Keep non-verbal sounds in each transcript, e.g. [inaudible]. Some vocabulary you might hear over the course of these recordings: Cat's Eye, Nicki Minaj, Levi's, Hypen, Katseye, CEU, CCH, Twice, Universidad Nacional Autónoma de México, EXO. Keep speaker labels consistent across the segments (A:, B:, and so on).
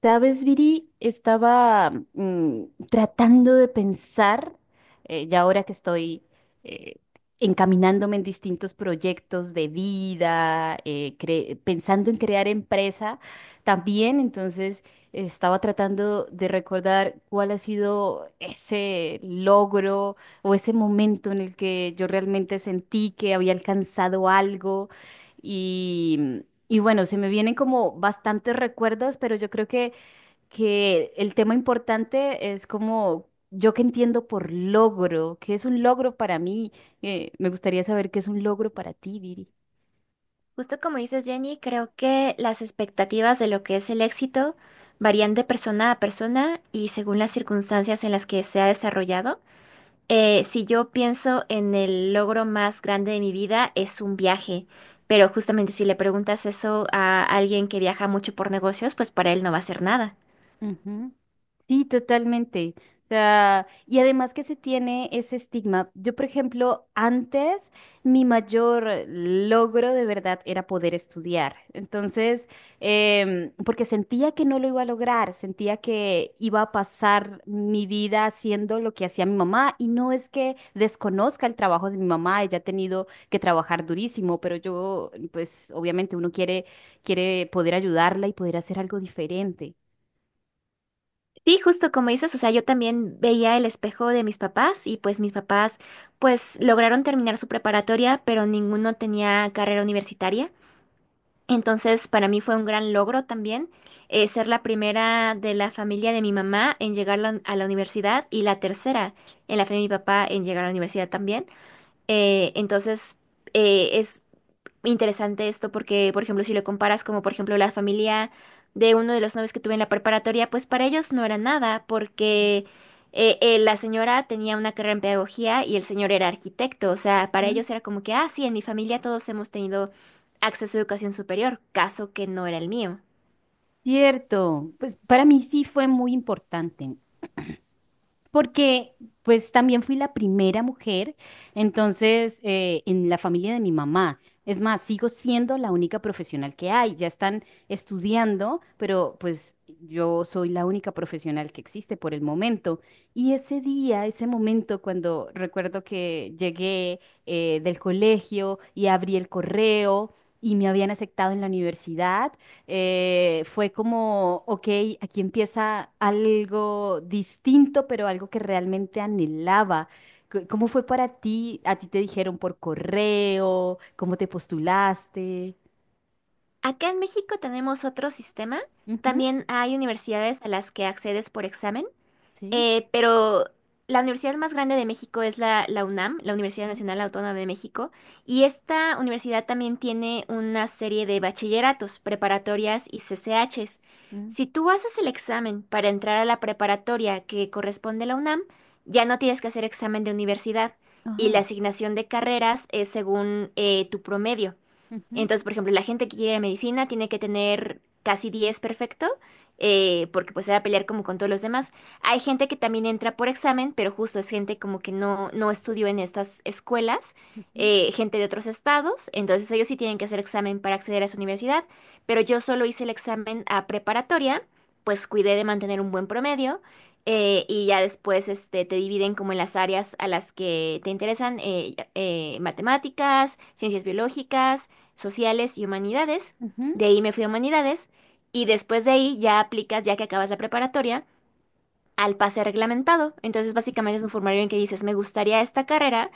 A: Sabes, Viri, estaba tratando de pensar, ya ahora que estoy eh, encaminándome en distintos proyectos de vida, pensando en crear empresa también. Entonces estaba tratando de recordar cuál ha sido ese logro o ese momento en el que yo realmente sentí que había alcanzado algo y... Y bueno, se me vienen como bastantes recuerdos, pero yo creo que el tema importante es como yo que entiendo por logro, qué es un logro para mí. Me gustaría saber qué es un logro para ti, Viri.
B: Justo como dices, Jenny, creo que las expectativas de lo que es el éxito varían de persona a persona y según las circunstancias en las que se ha desarrollado. Si yo pienso en el logro más grande de mi vida, es un viaje, pero justamente si le preguntas eso a alguien que viaja mucho por negocios, pues para él no va a ser nada.
A: Ujú. Sí, totalmente. O sea, y además que se tiene ese estigma. Yo, por ejemplo, antes mi mayor logro de verdad era poder estudiar. Entonces, porque sentía que no lo iba a lograr, sentía que iba a pasar mi vida haciendo lo que hacía mi mamá. Y no es que desconozca el trabajo de mi mamá, ella ha tenido que trabajar durísimo, pero yo, pues obviamente uno quiere, quiere poder ayudarla y poder hacer algo diferente.
B: Sí, justo como dices, o sea, yo también veía el espejo de mis papás y pues mis papás pues lograron terminar su preparatoria, pero ninguno tenía carrera universitaria. Entonces, para mí fue un gran logro también, ser la primera de la familia de mi mamá en llegar a la universidad y la tercera en la familia de mi papá en llegar a la universidad también. Eh, entonces, es interesante esto porque, por ejemplo, si lo comparas como, por ejemplo, la familia de uno de los novios que tuve en la preparatoria, pues para ellos no era nada porque la señora tenía una carrera en pedagogía y el señor era arquitecto. O sea, para
A: Mm.
B: ellos era como que, ah, sí, en mi familia todos hemos tenido acceso a educación superior, caso que no era el mío.
A: Cierto, pues para mí sí fue muy importante, porque pues también fui la primera mujer, entonces en la familia de mi mamá. Es más, sigo siendo la única profesional que hay, ya están estudiando, pero pues yo soy la única profesional que existe por el momento. Y ese día, ese momento, cuando recuerdo que llegué del colegio y abrí el correo y me habían aceptado en la universidad. Fue como, ok, aquí empieza algo distinto, pero algo que realmente anhelaba. ¿Cómo fue para ti? ¿A ti te dijeron por correo? ¿Cómo te postulaste?
B: Acá en México tenemos otro sistema.
A: Ujú.
B: También hay universidades a las que accedes por examen.
A: Sí.
B: Pero la universidad más grande de México es la UNAM, la Universidad
A: Ujú.
B: Nacional Autónoma de México, y esta universidad también tiene una serie de bachilleratos, preparatorias y CCHs.
A: Ujú.
B: Si tú haces el examen para entrar a la preparatoria que corresponde a la UNAM, ya no tienes que hacer examen de universidad y
A: Ajá.
B: la asignación de carreras es según, tu promedio.
A: Ujú.
B: Entonces, por ejemplo, la gente que quiere medicina tiene que tener casi 10, perfecto, porque pues se va a pelear como con todos los demás. Hay gente que también entra por examen, pero justo es gente como que no, no estudió en estas escuelas,
A: Ujú.
B: gente de otros estados, entonces ellos sí tienen que hacer examen para acceder a su universidad, pero yo solo hice el examen a preparatoria, pues cuidé de mantener un buen promedio. Y ya después este, te dividen como en las áreas a las que te interesan, matemáticas, ciencias biológicas, sociales y humanidades.
A: Ujú.
B: De ahí me fui a humanidades y después de ahí ya aplicas, ya que acabas la preparatoria, al pase reglamentado. Entonces básicamente es un formulario en que dices, me gustaría esta carrera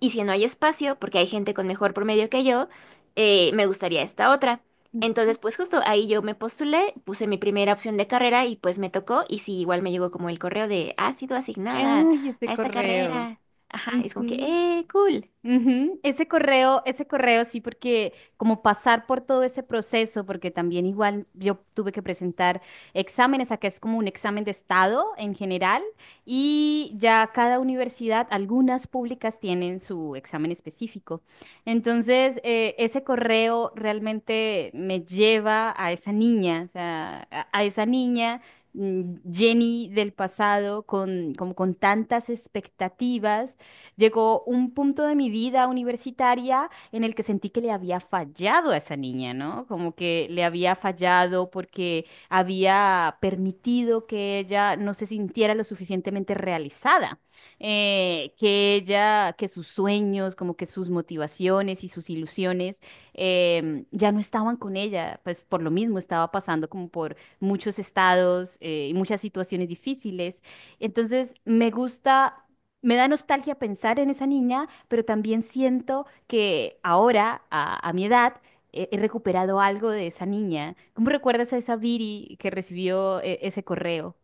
B: y si no hay espacio, porque hay gente con mejor promedio que yo, me gustaría esta otra.
A: Ujú.
B: Entonces, pues justo ahí yo me postulé, puse mi primera opción de carrera y pues me tocó y sí, igual me llegó como el correo de, ha sido asignada
A: Ay, este
B: a esta
A: correo.
B: carrera. Ajá, y es como que, cool.
A: Ujú. Ese correo sí, porque como pasar por todo ese proceso, porque también igual yo tuve que presentar exámenes, acá es como un examen de estado en general, y ya cada universidad, algunas públicas tienen su examen específico. Entonces, ese correo realmente me lleva a esa niña, o sea, a esa niña. mm, Jenny del pasado con, como con tantas expectativas. Llegó un punto de mi vida universitaria en el que sentí que le había fallado a esa niña, ¿no? Como que le había fallado porque había permitido que ella no se sintiera lo suficientemente realizada, que ella, que sus sueños, como que sus motivaciones y sus ilusiones ya no estaban con ella, pues por lo mismo estaba pasando como por muchos estados y muchas situaciones difíciles. Entonces, me da nostalgia pensar en esa niña, pero también siento que ahora, a mi edad, he recuperado algo de esa niña. ¿Cómo recuerdas a esa Viri que recibió ese correo?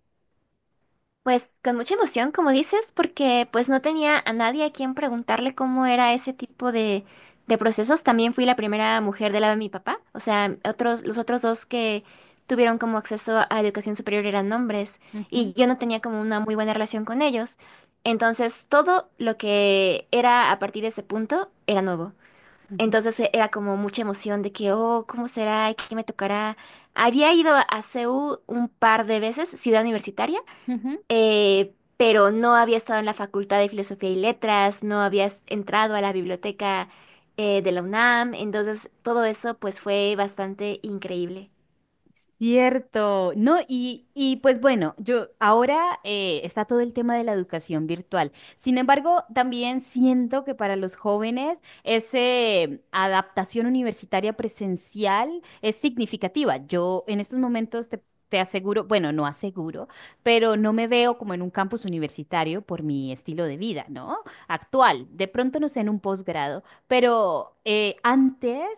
B: Pues con mucha emoción, como dices, porque pues no tenía a nadie a quien preguntarle cómo era ese tipo de procesos. También fui la primera mujer del lado de mi papá. O sea, otros, los otros dos que tuvieron como acceso a educación superior eran hombres,
A: Ujú.
B: y yo no tenía como una muy buena relación con ellos. Entonces, todo lo que era a partir de ese punto era nuevo.
A: Ujú.
B: Entonces era como mucha emoción de que, oh, ¿cómo será? ¿Qué me tocará? Había ido a CEU un par de veces, ciudad universitaria,
A: Ujú.
B: pero no había estado en la Facultad de Filosofía y Letras, no había entrado a la biblioteca, de la UNAM, entonces todo eso pues fue bastante increíble.
A: Cierto, no, y pues bueno, yo ahora está todo el tema de la educación virtual. Sin embargo, también siento que para los jóvenes esa adaptación universitaria presencial es significativa. Yo en estos momentos te aseguro, bueno, no aseguro, pero no me veo como en un campus universitario por mi estilo de vida, ¿no? Actual, de pronto no sé en un posgrado, pero antes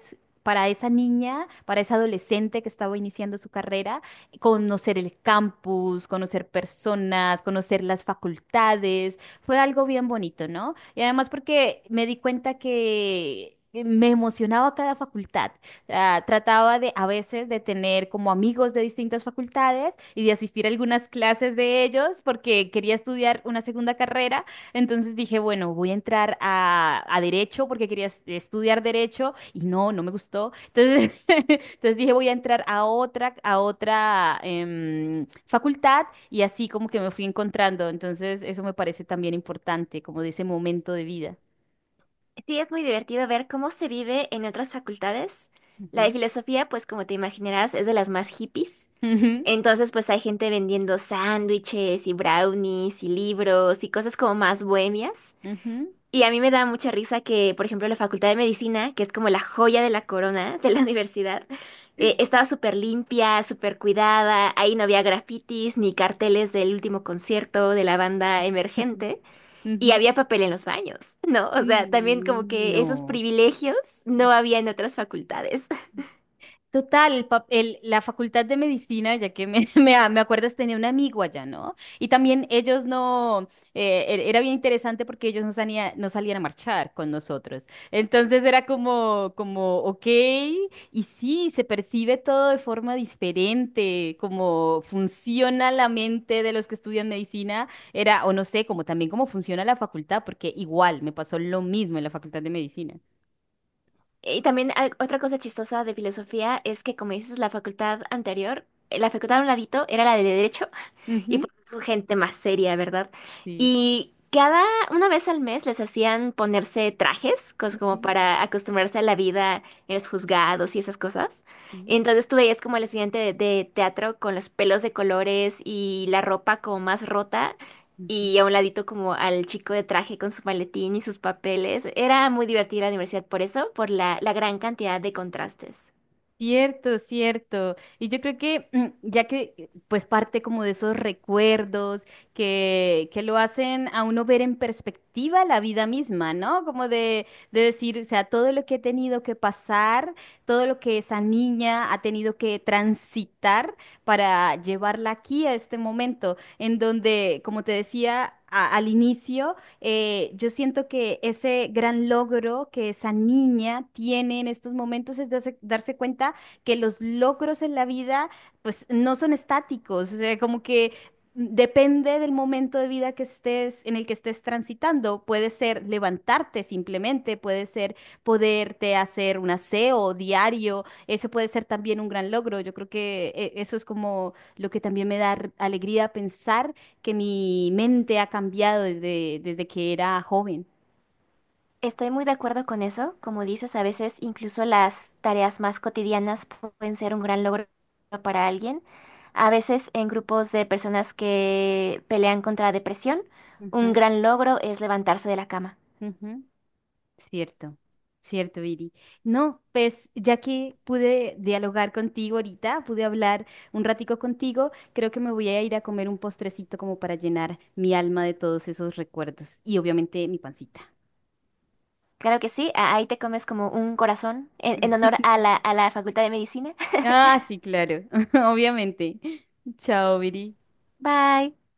A: para esa niña, para esa adolescente que estaba iniciando su carrera, conocer el campus, conocer personas, conocer las facultades, fue algo bien bonito, ¿no? Y además porque me di cuenta que... Me emocionaba cada facultad. Ah, trataba de a veces de tener como amigos de distintas facultades y de asistir a algunas clases de ellos porque quería estudiar una segunda carrera. Entonces dije, bueno, voy a entrar a derecho porque quería estudiar derecho y no, no me gustó. Entonces, [laughs] entonces dije, voy a entrar a otra facultad y así como que me fui encontrando. Entonces, eso me parece también importante, como de ese momento de vida.
B: Sí, es muy divertido ver cómo se vive en otras facultades. La de
A: Ujú.
B: filosofía, pues como te imaginarás, es de las más hippies.
A: Ujú.
B: Entonces, pues hay gente vendiendo sándwiches y brownies y libros y cosas como más bohemias.
A: Ujú.
B: Y a mí me da mucha risa que, por ejemplo, la Facultad de Medicina, que es como la joya de la corona de la [laughs] universidad,
A: [laughs]
B: estaba súper limpia, súper cuidada, ahí no había grafitis ni carteles del último concierto de la banda
A: Ujú.
B: emergente, y había papel en los baños, [laughs] ¿no? O sea, también como
A: Mm.
B: que esos
A: No.
B: privilegios no había en otras facultades. [laughs]
A: Total, la facultad de medicina, ya que me, [laughs] me acuerdas, tenía un amigo allá, ¿no? Y también ellos no, era bien interesante porque ellos no salían a marchar con nosotros. Entonces era como, como, ok, y sí, se percibe todo de forma diferente, como funciona la mente de los que estudian medicina, era, o no sé, como también cómo funciona la facultad, porque igual me pasó lo mismo en la facultad de medicina.
B: Y también otra cosa chistosa de filosofía es que, como dices, la facultad anterior, la facultad a un ladito era la de derecho. Y
A: Ujú.
B: pues son gente más seria, ¿verdad?
A: Sí.
B: Y cada, una vez al mes les hacían ponerse trajes, como
A: Ujú.
B: para acostumbrarse a la vida en los juzgados y esas cosas.
A: Sí.
B: Entonces tú veías como el estudiante de teatro con los pelos de colores y la ropa como más rota
A: Ujú.
B: y a un ladito como al chico de traje con su maletín y sus papeles. Era muy divertida la universidad por eso, por la gran cantidad de contrastes.
A: Cierto, cierto. Y yo creo que ya que pues parte como de esos recuerdos que lo hacen a uno ver en perspectiva la vida misma, ¿no? Como de decir, o sea, todo lo que he tenido que pasar, todo lo que esa niña ha tenido que transitar para llevarla aquí a este momento, en donde, como te decía al inicio, yo siento que ese gran logro que esa niña tiene en estos momentos es darse, darse cuenta que los logros en la vida pues no son estáticos, o sea, como que depende del momento de vida que estés, en el que estés transitando. Puede ser levantarte simplemente, puede ser poderte hacer un aseo diario, eso puede ser también un gran logro. Yo creo que eso es como lo que también me da alegría pensar que mi mente ha cambiado desde, desde que era joven.
B: Estoy muy de acuerdo con eso. Como dices, a veces incluso las tareas más cotidianas pueden ser un gran logro para alguien. A veces en grupos de personas que pelean contra depresión, un
A: Ujú.
B: gran logro es levantarse de la cama.
A: Ujú. Cierto, cierto, Viri. No, pues ya que pude dialogar contigo ahorita, pude hablar un ratico contigo, creo que me voy a ir a comer un postrecito como para llenar mi alma de todos esos recuerdos y obviamente mi pancita.
B: Claro que sí, ahí te comes como un corazón en honor
A: [laughs]
B: a la Facultad de Medicina.
A: Ah, sí, claro, [laughs] obviamente. Chao, Viri.
B: [laughs] Bye.